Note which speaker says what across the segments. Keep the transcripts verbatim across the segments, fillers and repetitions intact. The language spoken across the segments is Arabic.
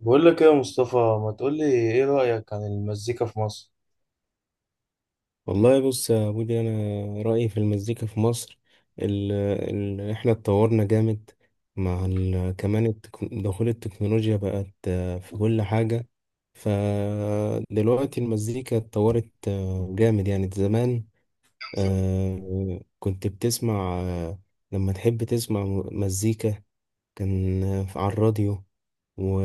Speaker 1: بقول لك ايه يا مصطفى، ما تقول لي ايه رأيك عن المزيكا في مصر؟
Speaker 2: والله، بص يا بودي، انا رايي في المزيكا في مصر. ال ال احنا اتطورنا جامد، مع ال كمان التك- دخول التكنولوجيا، بقت آه، في كل حاجه. فدلوقتي المزيكا اتطورت آه، جامد. يعني زمان، آه، كنت بتسمع، آه، لما تحب تسمع م- مزيكا، كان آه، على الراديو، و...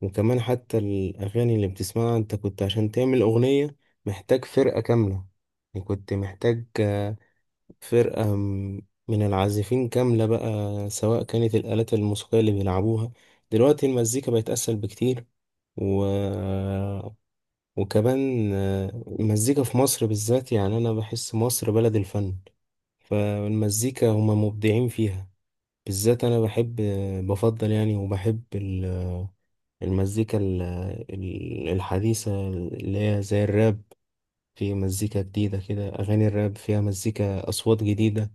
Speaker 2: وكمان حتى الأغاني اللي بتسمعها أنت، كنت عشان تعمل أغنية محتاج فرقة كاملة. يعني كنت محتاج آه، فرقة م- من العازفين كاملة بقى، سواء كانت الآلات الموسيقية اللي بيلعبوها. دلوقتي المزيكا بقت أسهل بكتير، و... وكمان آه، المزيكا في مصر بالذات. يعني أنا بحس مصر بلد الفن، فالمزيكا هما مبدعين فيها. بالذات أنا بحب، بفضل يعني، وبحب ال المزيكا ال- ال- الحديثة اللي هي زي الراب. في مزيكا جديدة كده، أغاني الراب فيها مزيكا، أصوات جديدة،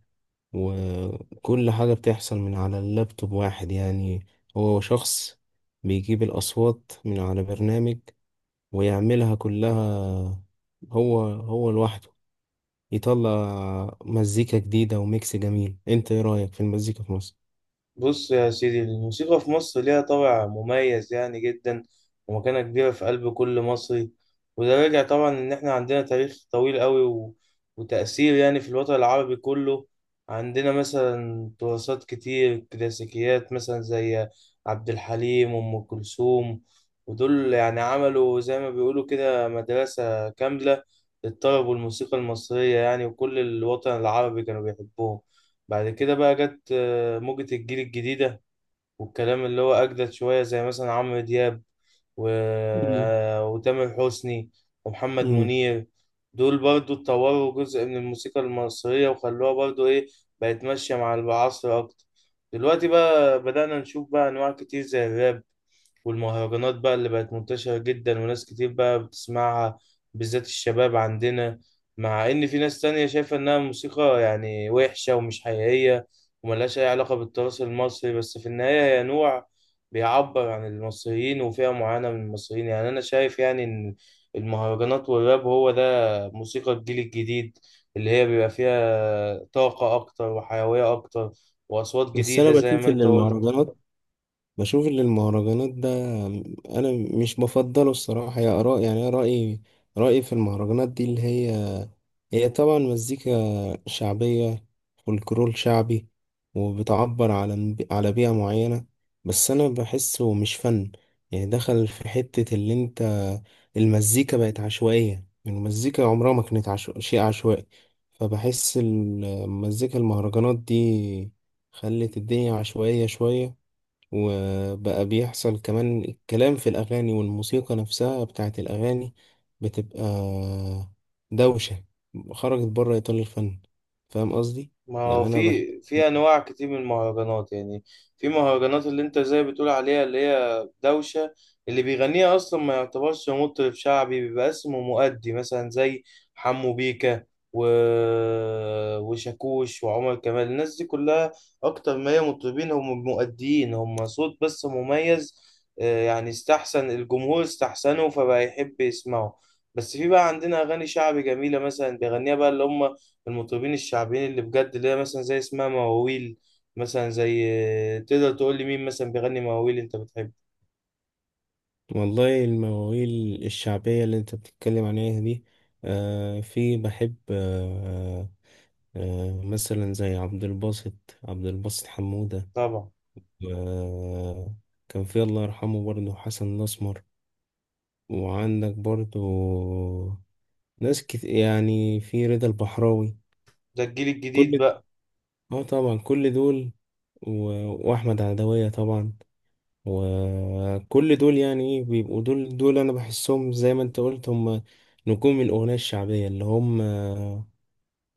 Speaker 2: وكل حاجة بتحصل من على اللابتوب. واحد يعني، هو شخص بيجيب الأصوات من على برنامج ويعملها كلها، هو هو لوحده يطلع مزيكا جديدة وميكس جميل. انت ايه رأيك في المزيكا في مصر؟
Speaker 1: بص يا سيدي، الموسيقى في مصر ليها طابع مميز يعني جدا ومكانة كبيرة في قلب كل مصري. وده راجع طبعا إن إحنا عندنا تاريخ طويل قوي و... وتأثير يعني في الوطن العربي كله. عندنا مثلا تراثات كتير، كلاسيكيات مثلا زي عبد الحليم وأم كلثوم. ودول يعني عملوا زي ما بيقولوا كده مدرسة كاملة للطرب والموسيقى المصرية يعني، وكل الوطن العربي كانوا بيحبوهم. بعد كده بقى جت موجة الجيل الجديدة والكلام اللي هو أجدد شوية زي مثلا عمرو دياب و...
Speaker 2: مم.
Speaker 1: آه، وتامر حسني ومحمد
Speaker 2: مم.
Speaker 1: منير. دول برضو اتطوروا جزء من الموسيقى المصرية وخلوها برضو إيه، بقت ماشية مع العصر أكتر. دلوقتي بقى بدأنا نشوف بقى أنواع كتير زي الراب والمهرجانات، بقى اللي بقت منتشرة جدا وناس كتير بقى بتسمعها بالذات الشباب عندنا. مع إن في ناس تانية شايفة إنها موسيقى يعني وحشة ومش حقيقية وملهاش أي علاقة بالتراث المصري، بس في النهاية هي نوع بيعبر عن المصريين وفئة معينة من المصريين. يعني أنا شايف يعني إن المهرجانات والراب هو ده موسيقى الجيل الجديد، اللي هي بيبقى فيها طاقة أكتر وحيوية أكتر وأصوات
Speaker 2: بس انا
Speaker 1: جديدة زي ما
Speaker 2: بشوف ان
Speaker 1: أنت قلت.
Speaker 2: المهرجانات، بشوف ان المهرجانات ده انا مش بفضله الصراحه يا اراء. يعني انا رايي رايي في المهرجانات دي، اللي هي هي طبعا مزيكا شعبيه، فولكلور شعبي، وبتعبر على على بيئه معينه. بس انا بحسه مش فن. يعني دخل في حته اللي انت، المزيكا بقت عشوائيه. المزيكا عمرها ما كانت عشو... شيء عشوائي. فبحس المزيكا المهرجانات دي خلت الدنيا عشوائيه شويه. وبقى بيحصل كمان الكلام في الأغاني، والموسيقى نفسها بتاعت الأغاني بتبقى دوشة، خرجت بره إطار الفن. فاهم قصدي؟
Speaker 1: ما هو
Speaker 2: يعني أنا بحب.
Speaker 1: في في انواع كتير من المهرجانات يعني. في مهرجانات اللي انت زي بتقول عليها اللي هي دوشه، اللي بيغنيها اصلا ما يعتبرش مطرب شعبي، بيبقى اسمه مؤدي، مثلا زي حمو بيكا و... وشاكوش وعمر كمال. الناس دي كلها اكتر ما هي مطربين، هم مؤديين، هم صوت بس مميز، آه، يعني استحسن الجمهور استحسنه فبقى يحب يسمعه. بس في بقى عندنا اغاني شعبي جميله مثلا بيغنيها بقى اللي هم المطربين الشعبيين اللي بجد، اللي هي مثلا زي اسمها مواويل. مثلا زي، تقدر تقول لي مين مثلا بيغني مواويل انت بتحبه؟
Speaker 2: والله المواويل الشعبية اللي أنت بتتكلم عليها دي، آه في بحب. آه آه مثلا زي عبد الباسط، عبد الباسط حمودة.
Speaker 1: طبعا.
Speaker 2: آه كان في، الله يرحمه، برضه حسن الأسمر، وعندك برضه ناس كت... يعني في رضا البحراوي.
Speaker 1: ده الجيل الجديد
Speaker 2: كل،
Speaker 1: بقى.
Speaker 2: اه طبعا كل دول، و... واحمد عدوية طبعا. وكل دول يعني ايه، بيبقوا دول دول. انا بحسهم زي ما انت قلت، هم نجوم الاغنية الشعبية، اللي هم آه،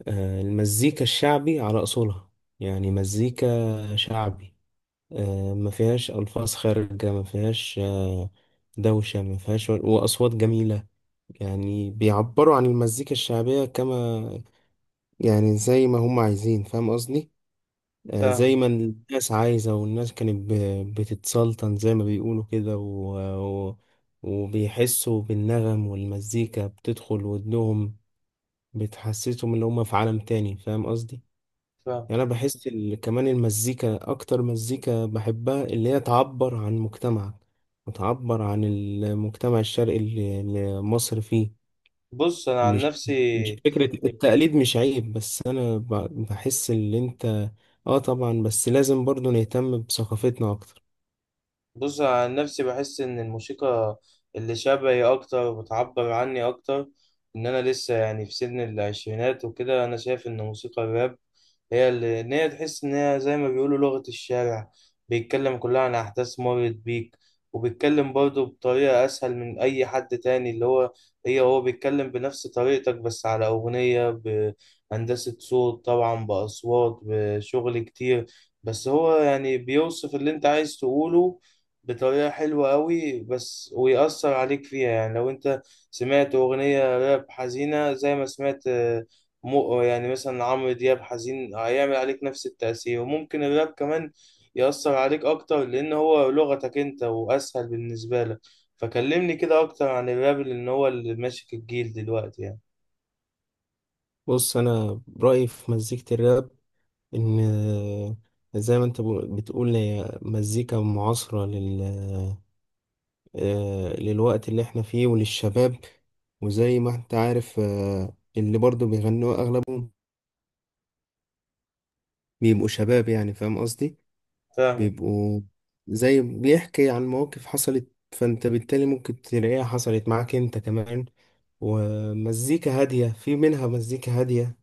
Speaker 2: المزيكا الشعبي على اصولها. يعني مزيكا شعبي، آه، ما فيهاش الفاظ خارجة، ما فيهاش آه، دوشة، ما فيهاش، وأصوات جميلة. يعني بيعبروا عن المزيكا الشعبية، كما يعني زي ما هم عايزين. فاهم قصدي؟ آه، زي
Speaker 1: فاهم
Speaker 2: ما الناس عايزة، والناس كانت ب- بتتسلطن زي ما بيقولوا كده، و... و... وبيحسوا بالنغم، والمزيكا بتدخل ودنهم، بتحسسهم ان هم في عالم تاني. فاهم قصدي؟
Speaker 1: فاهم
Speaker 2: يعني انا بحس ال... كمان المزيكا، اكتر مزيكا بحبها اللي هي تعبر عن مجتمعك، وتعبر عن المجتمع الشرقي اللي اللي مصر فيه.
Speaker 1: بص انا عن
Speaker 2: مش مش
Speaker 1: نفسي
Speaker 2: فكرة التقليد، مش عيب، بس أنا ب- بحس إن أنت. آه طبعا، بس لازم برضو نهتم بثقافتنا أكتر.
Speaker 1: بص عن نفسي، بحس إن الموسيقى اللي شبهي أكتر وبتعبر عني أكتر، إن أنا لسه يعني في سن العشرينات وكده. أنا شايف إن موسيقى الراب هي اللي، إن هي تحس إن هي زي ما بيقولوا لغة الشارع، بيتكلم كلها عن أحداث مرت بيك. وبيتكلم برضه بطريقة أسهل من أي حد تاني، اللي هو، هي هو بيتكلم بنفس طريقتك بس على أغنية بهندسة صوت طبعا بأصوات بشغل كتير. بس هو يعني بيوصف اللي أنت عايز تقوله بطريقة حلوة أوي بس، ويأثر عليك فيها. يعني لو أنت سمعت أغنية راب حزينة زي ما سمعت، آه، مو يعني مثلا عمرو دياب حزين، هيعمل عليك نفس التأثير. وممكن الراب كمان يأثر عليك أكتر لأن هو لغتك أنت وأسهل بالنسبة لك. فكلمني كده أكتر عن الراب لأن هو اللي ماسك الجيل دلوقتي يعني.
Speaker 2: بص أنا رأيي في مزيكة الراب، إن زي ما أنت بو- بتقول، هي مزيكا معاصرة لل، آه، للوقت اللي إحنا فيه وللشباب. وزي ما أنت عارف آه، اللي برضو بيغنوا أغلبهم بيبقوا شباب، يعني فاهم قصدي؟
Speaker 1: فاهمك.
Speaker 2: بيبقوا زي بيحكي عن مواقف حصلت، فانت بالتالي ممكن تلاقيها حصلت معاك انت كمان. ومزيكا هادية، في منها مزيكا هادية،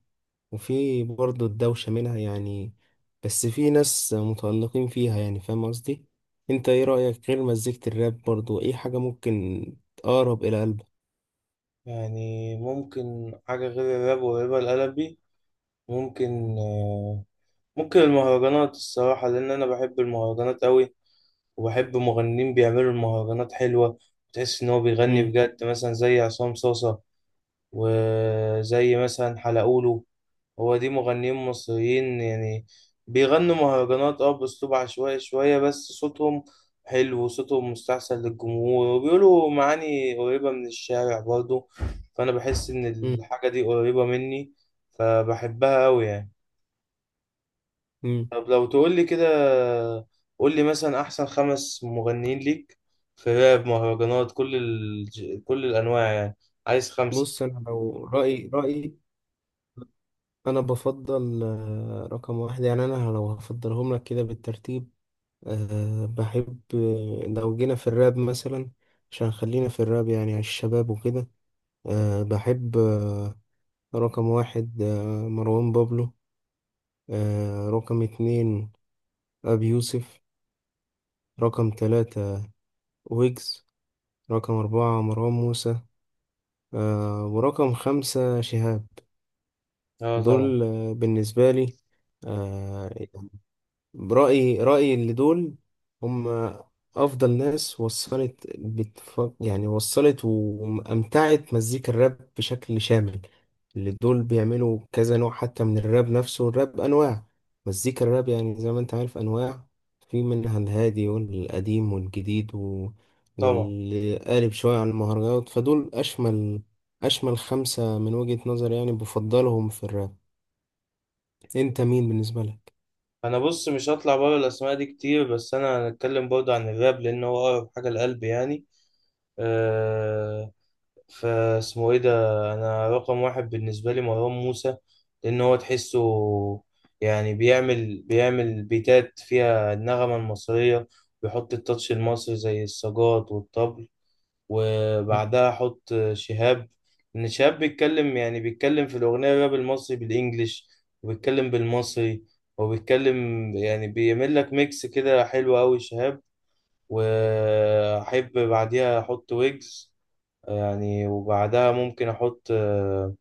Speaker 2: وفي برضه الدوشة منها يعني، بس في ناس متألقين فيها يعني. فاهم قصدي؟ انت ايه رأيك غير مزيكة الراب، برضه ايه حاجة ممكن تقرب إلى قلبك؟
Speaker 1: يعني ممكن حاجة غير الراب وقريبة لقلبي، ممكن آه، ممكن المهرجانات الصراحة، لأن أنا بحب المهرجانات أوي وبحب مغنيين بيعملوا المهرجانات حلوة، وتحس إن هو بيغني
Speaker 2: مم.
Speaker 1: بجد مثلا زي عصام صاصة وزي مثلا حلقولو. هو دي مغنيين مصريين يعني بيغنوا مهرجانات اه بأسلوب عشوائي شوية بس صوتهم حلو، وصوتهم مستحسن للجمهور وبيقولوا معاني قريبة من الشارع برضه. فأنا بحس إن
Speaker 2: مم.
Speaker 1: الحاجة دي قريبة مني فبحبها أوي يعني.
Speaker 2: مم.
Speaker 1: طب لو تقول لي كده، قول لي مثلا احسن خمس مغنيين ليك في راب، مهرجانات، كل ال... كل الانواع يعني. عايز خمسة.
Speaker 2: بص انا لو رأيي رأيي انا بفضل، آه، رقم واحد. يعني انا لو هفضلهم لك كده بالترتيب، أه بحب، آه، لو جينا في الراب مثلا، عشان خلينا في الراب يعني، على الشباب وكده. أه بحب أه رقم واحد أه مروان بابلو، أه رقم اتنين أبي يوسف، رقم تلاتة ويجز، رقم أربعة مروان موسى، أه ورقم خمسة شهاب.
Speaker 1: اه، طبعا
Speaker 2: دول آه، بالنسبة لي، أه برأيي رأيي، اللي دول هم أفضل ناس وصلت، بتف... يعني وصلت وأمتعت مزيكا الراب بشكل شامل. اللي دول بيعملوا كذا نوع حتى من الراب نفسه. الراب أنواع، مزيكا الراب يعني زي ما أنت عارف أنواع، في منها الهادي والقديم والجديد، و...
Speaker 1: طبعا
Speaker 2: واللي قالب شوية على المهرجانات، فدول أشمل. أشمل خمسة من وجهة نظري يعني، بفضلهم في الراب. أنت مين بالنسبة لك؟
Speaker 1: انا بص مش هطلع بره الاسماء دي كتير بس انا هنتكلم برضه عن الراب لان هو اقرب حاجة لقلبي يعني. آه، فاسمه ايه ده، انا رقم واحد بالنسبه لي مروان موسى، لان هو تحسه يعني بيعمل بيعمل بيتات فيها النغمه المصريه، بيحط التاتش المصري زي السجاط والطبل.
Speaker 2: مم.
Speaker 1: وبعدها احط شهاب، ان شهاب بيتكلم يعني بيتكلم في الاغنيه الراب المصري بالانجليش، وبيتكلم بالمصري، وبيتكلم يعني بيعمل لك ميكس كده حلو قوي شهاب. واحب بعديها احط ويجز يعني. وبعدها ممكن احط آه،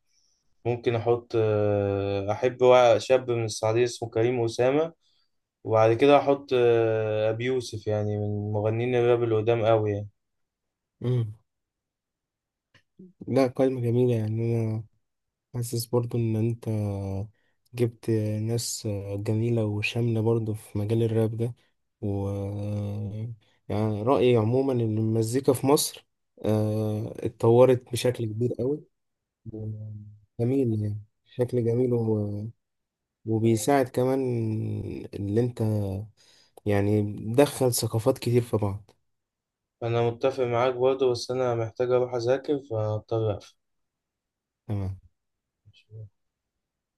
Speaker 1: ممكن احط آه، احب وا- شاب من السعودية اسمه كريم أسامة. وبعد كده احط آه، ابي يوسف يعني من مغنيين الراب اللي قدام قوي يعني.
Speaker 2: مم. لا، قايمة جميلة. يعني أنا حاسس برضو إن أنت جبت ناس جميلة وشاملة برضو في مجال الراب ده. و يعني رأيي عموما إن المزيكا في مصر آه، اتطورت بشكل كبير قوي، جميل. يعني شكل جميل، و... وبيساعد كمان اللي أنت، يعني بتدخل ثقافات كتير في بعض.
Speaker 1: انا متفق معاك برضه بس انا محتاج اروح اذاكر فاضطر
Speaker 2: تمام.
Speaker 1: اقفل.